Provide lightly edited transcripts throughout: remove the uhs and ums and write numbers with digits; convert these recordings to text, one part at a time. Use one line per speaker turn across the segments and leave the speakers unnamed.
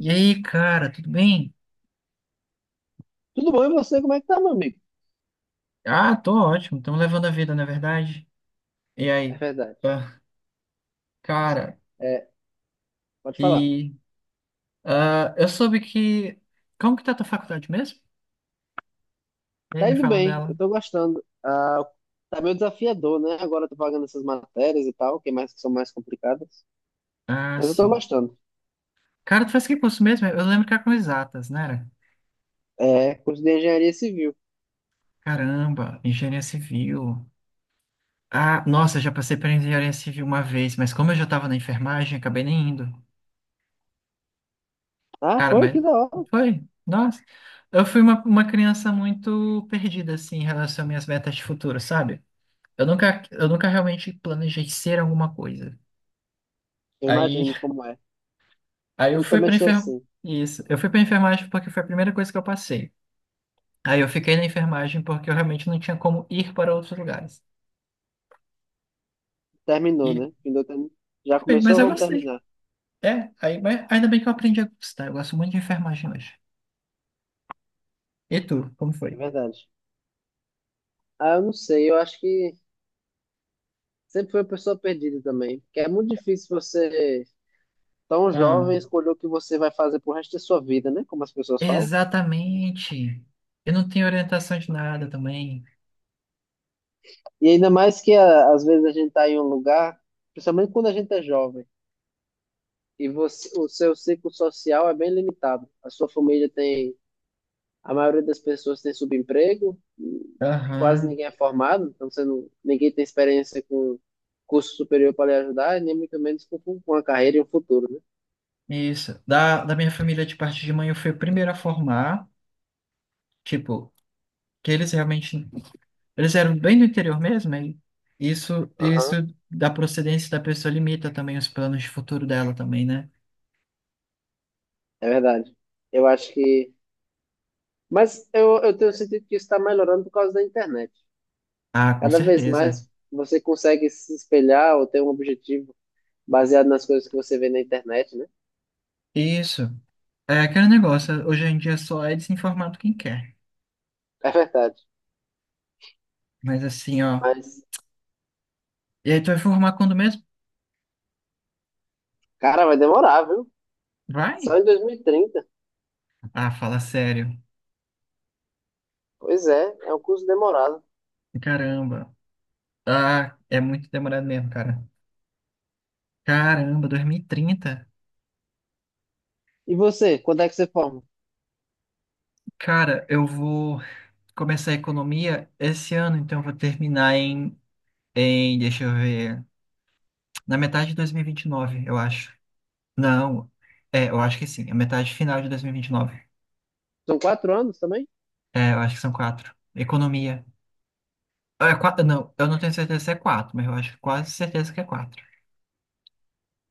E aí, cara, tudo bem?
Tudo bom? E você, como é que tá, meu amigo?
Ah, tô ótimo, estamos levando a vida, na verdade. E
É
aí?
verdade.
Ah, cara,
É, pode falar.
e eu soube que. Como que tá a tua faculdade mesmo? E aí,
Tá
me
indo
fala
bem,
dela.
eu tô gostando. Tá meio desafiador, né? Agora eu tô pagando essas matérias e tal, que são mais complicadas.
Ah,
Mas eu tô
sim.
gostando.
Cara, tu faz que curso mesmo? Eu lembro que era com exatas, né? Era?
É, curso de engenharia civil.
Caramba, engenharia civil. Ah, nossa, já passei por engenharia civil uma vez, mas como eu já tava na enfermagem, acabei nem indo.
Ah,
Cara,
foi? Que
mas
da hora.
foi, nossa. Eu fui uma criança muito perdida, assim, em relação às minhas metas de futuro, sabe? Eu nunca realmente planejei ser alguma coisa.
Eu
Aí,
imagino como é.
aí eu
Eu
fui
também
para
sou
enfermagem.
assim.
Isso. Eu fui para enfermagem porque foi a primeira coisa que eu passei. Aí eu fiquei na enfermagem porque eu realmente não tinha como ir para outros lugares.
Terminou,
E
né? Já
foi, mas
começou,
eu
vamos
gostei.
terminar.
É, aí, mas ainda bem que eu aprendi a gostar. Eu gosto muito de enfermagem hoje. E tu, como foi?
É verdade. Eu não sei, eu acho que sempre fui uma pessoa perdida também. Porque é muito difícil você tão
Ah,
jovem escolher o que você vai fazer pro resto da sua vida, né? Como as pessoas falam.
exatamente. Eu não tenho orientação de nada também.
E ainda mais que às vezes a gente tá em um lugar, principalmente quando a gente é jovem, e você, o seu ciclo social é bem limitado. A sua família tem, a maioria das pessoas tem subemprego, e quase
Aham,
ninguém é formado, então você não, ninguém tem experiência com curso superior para lhe ajudar, e nem muito menos com uma carreira e um futuro, né?
isso. Da minha família de parte de mãe, eu fui o primeiro a formar. Tipo, que eles realmente. Eles eram bem do interior mesmo, e isso
Aham.
da procedência da pessoa limita também os planos de futuro dela também, né?
É verdade. Eu acho que. Mas eu tenho sentido que isso está melhorando por causa da internet.
Ah, com
Cada vez
certeza.
mais você consegue se espelhar ou ter um objetivo baseado nas coisas que você vê na internet, né?
Isso. É aquele negócio, hoje em dia só é desinformado quem quer.
É verdade.
Mas assim, ó.
Mas,
E aí tu vai formar quando mesmo?
cara, vai demorar, viu? Só
Vai?
em 2030.
Ah, fala sério.
Pois é, é um curso demorado.
Caramba. Ah, é muito demorado mesmo, cara. Caramba, 2030.
E você, quando é que você forma?
Cara, eu vou começar a economia esse ano, então eu vou terminar em, deixa eu ver. Na metade de dois mil e vinte e nove, eu acho. Não, é, eu acho que sim. A metade final de 2029.
São 4 anos também?
É, eu acho que são quatro. Economia. É, quatro, não, eu não tenho certeza se é quatro, mas eu acho quase certeza que é quatro.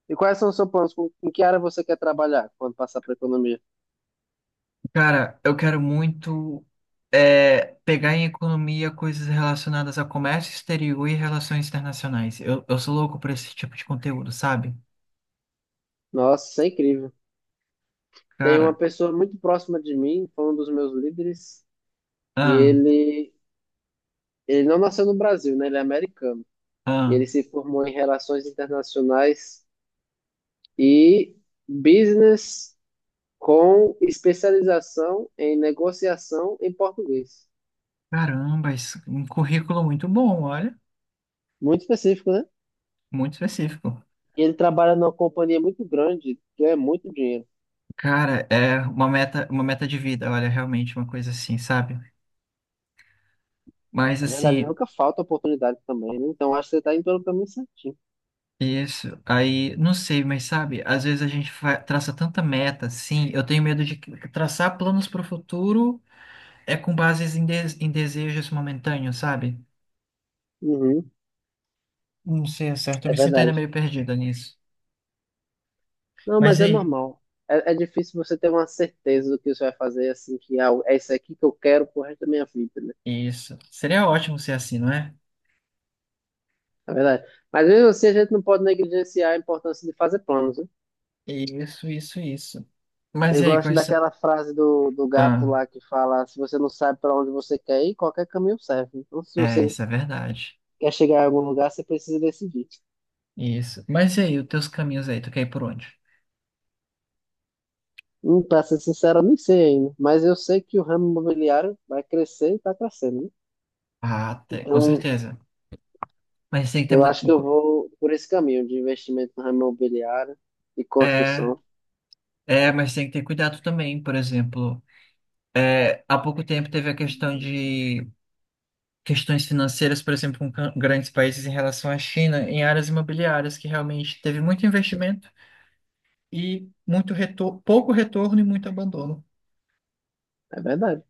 E quais são os seus planos? Em que área você quer trabalhar quando passar para economia?
Cara, eu quero muito pegar em economia coisas relacionadas a comércio exterior e relações internacionais. Eu sou louco por esse tipo de conteúdo, sabe?
Nossa, isso é incrível. Tem uma
Cara,
pessoa muito próxima de mim, foi um dos meus líderes, que
ah,
ele, ele não nasceu no Brasil, né? Ele é americano. E
ah,
ele se formou em Relações Internacionais e business com especialização em negociação em português.
caramba, isso, um currículo muito bom, olha,
Muito específico, né?
muito específico.
E ele trabalha numa companhia muito grande, que é muito dinheiro.
Cara, é uma meta de vida, olha, realmente uma coisa assim, sabe? Mas
Na verdade,
assim,
nunca falta oportunidade também, né? Então, acho que você está indo pelo caminho certinho.
isso, aí, não sei, mas sabe, às vezes a gente traça tanta meta, assim, eu tenho medo de traçar planos para o futuro é com bases em desejos momentâneos, sabe?
Uhum,
Não sei, é certo, eu
é
me sinto ainda
verdade.
meio perdida nisso.
Não,
Mas
mas
e
é
aí,
normal. É, é difícil você ter uma certeza do que você vai fazer, assim, que ah, é isso aqui que eu quero pro resto da minha vida, né?
isso, seria ótimo ser assim, não é?
É verdade. Mas mesmo assim, a gente não pode negligenciar a importância de fazer planos, né?
Isso, isso, isso. Mas
Eu
e aí,
gosto
quais são...
daquela frase do gato
Ah,
lá que fala: se você não sabe para onde você quer ir, qualquer caminho serve. Então, se
é,
você
isso é verdade.
quer chegar em algum lugar, você precisa decidir.
Isso. Mas e aí, os teus caminhos aí, tu quer ir por onde?
Para ser sincero, eu nem sei ainda, mas eu sei que o ramo imobiliário vai crescer e está crescendo, né?
Ah, com
Então,
certeza. Mas tem que ter
eu
muito.
acho que eu vou por esse caminho de investimento no ramo imobiliário e
É,
construção.
é, mas tem que ter cuidado também. Por exemplo, há pouco tempo teve a questão de questões financeiras, por exemplo, com grandes países em relação à China, em áreas imobiliárias, que realmente teve muito investimento e muito retor pouco retorno e muito abandono.
É verdade.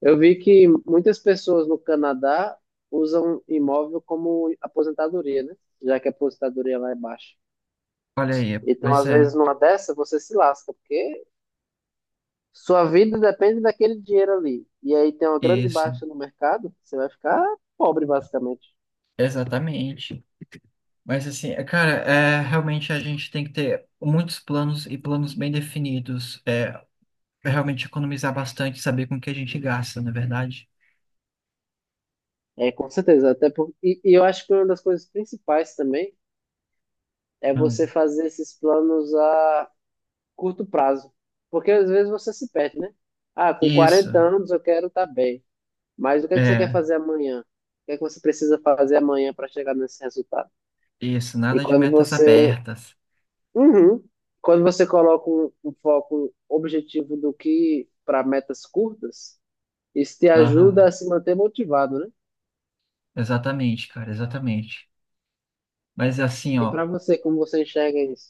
Eu vi que muitas pessoas no Canadá usam imóvel como aposentadoria, né? Já que a aposentadoria lá é baixa.
Olha aí,
Então,
pois
às
é,
vezes, numa dessa, você se lasca, porque sua vida depende daquele dinheiro ali. E aí tem uma grande
isso,
baixa no mercado, você vai ficar pobre, basicamente.
exatamente. Mas assim, cara, realmente a gente tem que ter muitos planos e planos bem definidos. É, para realmente economizar bastante, e saber com o que a gente gasta, não é verdade?
É, com certeza. Até por... e eu acho que uma das coisas principais também é você
Hum.
fazer esses planos a curto prazo. Porque às vezes você se perde, né? Ah, com
Isso,
40 anos eu quero estar bem. Mas o que é que você quer
é,
fazer amanhã? O que é que você precisa fazer amanhã para chegar nesse resultado?
isso,
E
nada de
quando
metas
você
abertas.
Uhum. Quando você coloca um foco, um objetivo do que para metas curtas, isso te ajuda
Aham,
a se manter motivado, né?
exatamente, cara, exatamente. Mas assim,
E para
ó,
você, como você enxerga isso?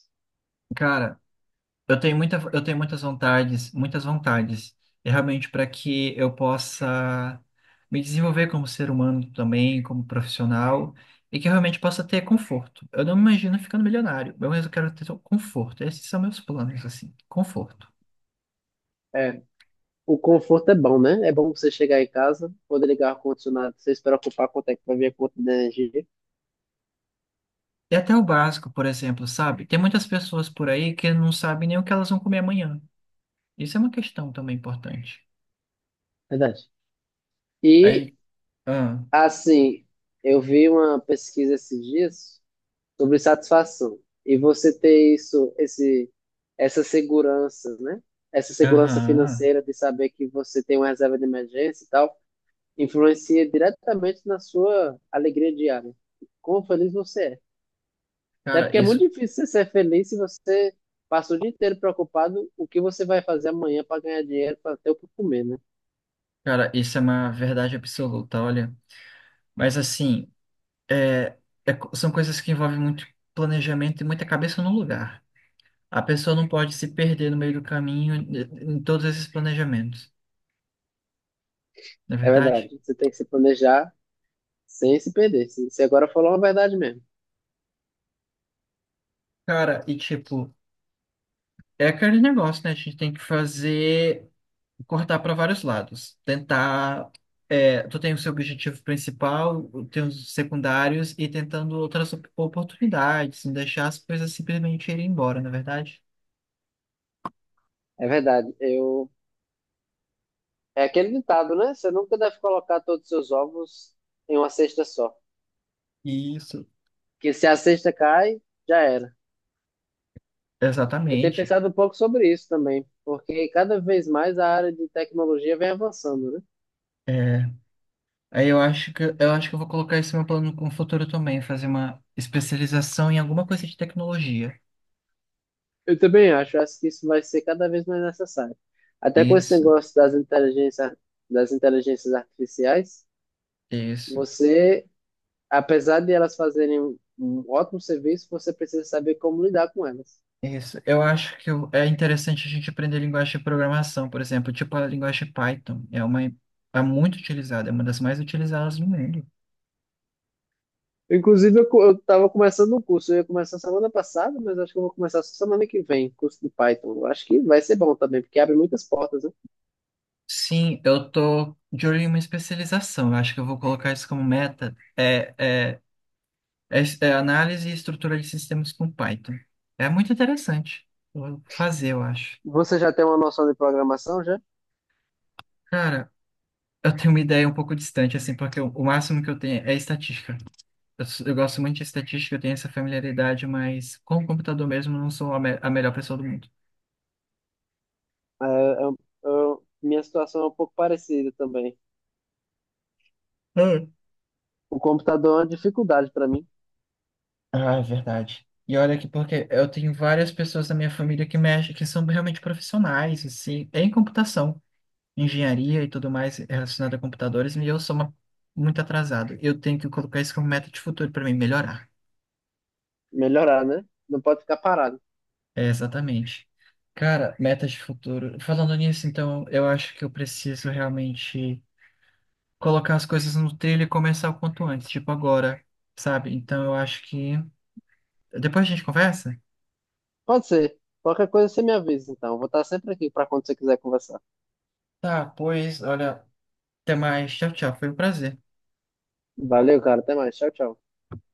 cara, eu tenho muitas vontades, e realmente para que eu possa me desenvolver como ser humano também, como profissional, e que eu realmente possa ter conforto. Eu não me imagino ficando milionário, mas eu quero ter conforto. Esses são meus planos, assim, conforto.
É, o conforto é bom, né? É bom você chegar em casa, poder ligar o ar-condicionado, você se preocupar quanto é que vai vir a conta de energia.
E até o básico, por exemplo, sabe? Tem muitas pessoas por aí que não sabem nem o que elas vão comer amanhã. Isso é uma questão também importante.
Verdade. E,
Aí, ah,
assim, eu vi uma pesquisa esses dias sobre satisfação. E você ter isso, essa segurança, né? Essa segurança
aham.
financeira de saber que você tem uma reserva de emergência e tal, influencia diretamente na sua alegria diária. Quão feliz você é. Até
Cara,
porque é
isso,
muito difícil você ser feliz se você passa o dia inteiro preocupado o que você vai fazer amanhã para ganhar dinheiro, para ter o que comer, né?
cara, isso é uma verdade absoluta, olha. Mas assim, é, são coisas que envolvem muito planejamento e muita cabeça no lugar. A pessoa não pode se perder no meio do caminho em em todos esses planejamentos, não é
É
verdade?
verdade. Você tem que se planejar sem se perder. Você agora falou uma verdade mesmo.
Cara, e tipo, é aquele negócio, né? A gente tem que fazer. Cortar para vários lados. Tentar. Tu tem o seu objetivo principal, tem os secundários e tentando outras oportunidades, não deixar as coisas simplesmente irem embora, na é verdade?
É verdade. Eu É aquele ditado, né? Você nunca deve colocar todos os seus ovos em uma cesta só.
Isso.
Que se a cesta cai, já era. Eu tenho
Exatamente.
pensado um pouco sobre isso também, porque cada vez mais a área de tecnologia vem avançando, né?
É, aí eu acho que eu vou colocar esse meu plano com o futuro também, fazer uma especialização em alguma coisa de tecnologia.
Eu também acho, acho que isso vai ser cada vez mais necessário. Até com esse
Isso,
negócio das inteligências artificiais,
isso.
você, apesar de elas fazerem um ótimo serviço, você precisa saber como lidar com elas.
Isso. Eu acho que é interessante a gente aprender linguagem de programação, por exemplo, tipo a linguagem Python. É uma é muito utilizada, é uma das mais utilizadas no mundo.
Inclusive, eu tava começando um curso, eu ia começar semana passada, mas acho que eu vou começar só semana que vem, curso de Python. Eu acho que vai ser bom também, porque abre muitas portas, né?
Sim, eu tô de olho em uma especialização. Eu acho que eu vou colocar isso como meta. É análise e estrutura de sistemas com Python. É muito interessante. Eu vou fazer, eu acho.
Você já tem uma noção de programação, já?
Cara, eu tenho uma ideia um pouco distante, assim, porque o máximo que eu tenho é estatística. Eu gosto muito de estatística, eu tenho essa familiaridade, mas com o computador mesmo eu não sou a melhor pessoa do mundo.
É, é- Minha situação é um pouco parecida também.
Ah,
O computador é uma dificuldade para mim,
Ah, é verdade. E olha que porque eu tenho várias pessoas da minha família que mexem, que são realmente profissionais, assim, em computação, engenharia e tudo mais relacionado a computadores, e eu sou muito atrasado. Eu tenho que colocar isso como meta de futuro para mim melhorar.
melhorar, né? Não pode ficar parado.
É, exatamente. Cara, metas de futuro. Falando nisso, então, eu acho que eu preciso realmente colocar as coisas no trilho e começar o quanto antes, tipo agora, sabe? Então eu acho que. Depois a gente conversa?
Pode ser. Qualquer coisa você me avisa, então. Eu vou estar sempre aqui para quando você quiser conversar.
Tá, pois, olha, até mais. Tchau, tchau. Foi um prazer.
Valeu, cara. Até mais. Tchau, tchau.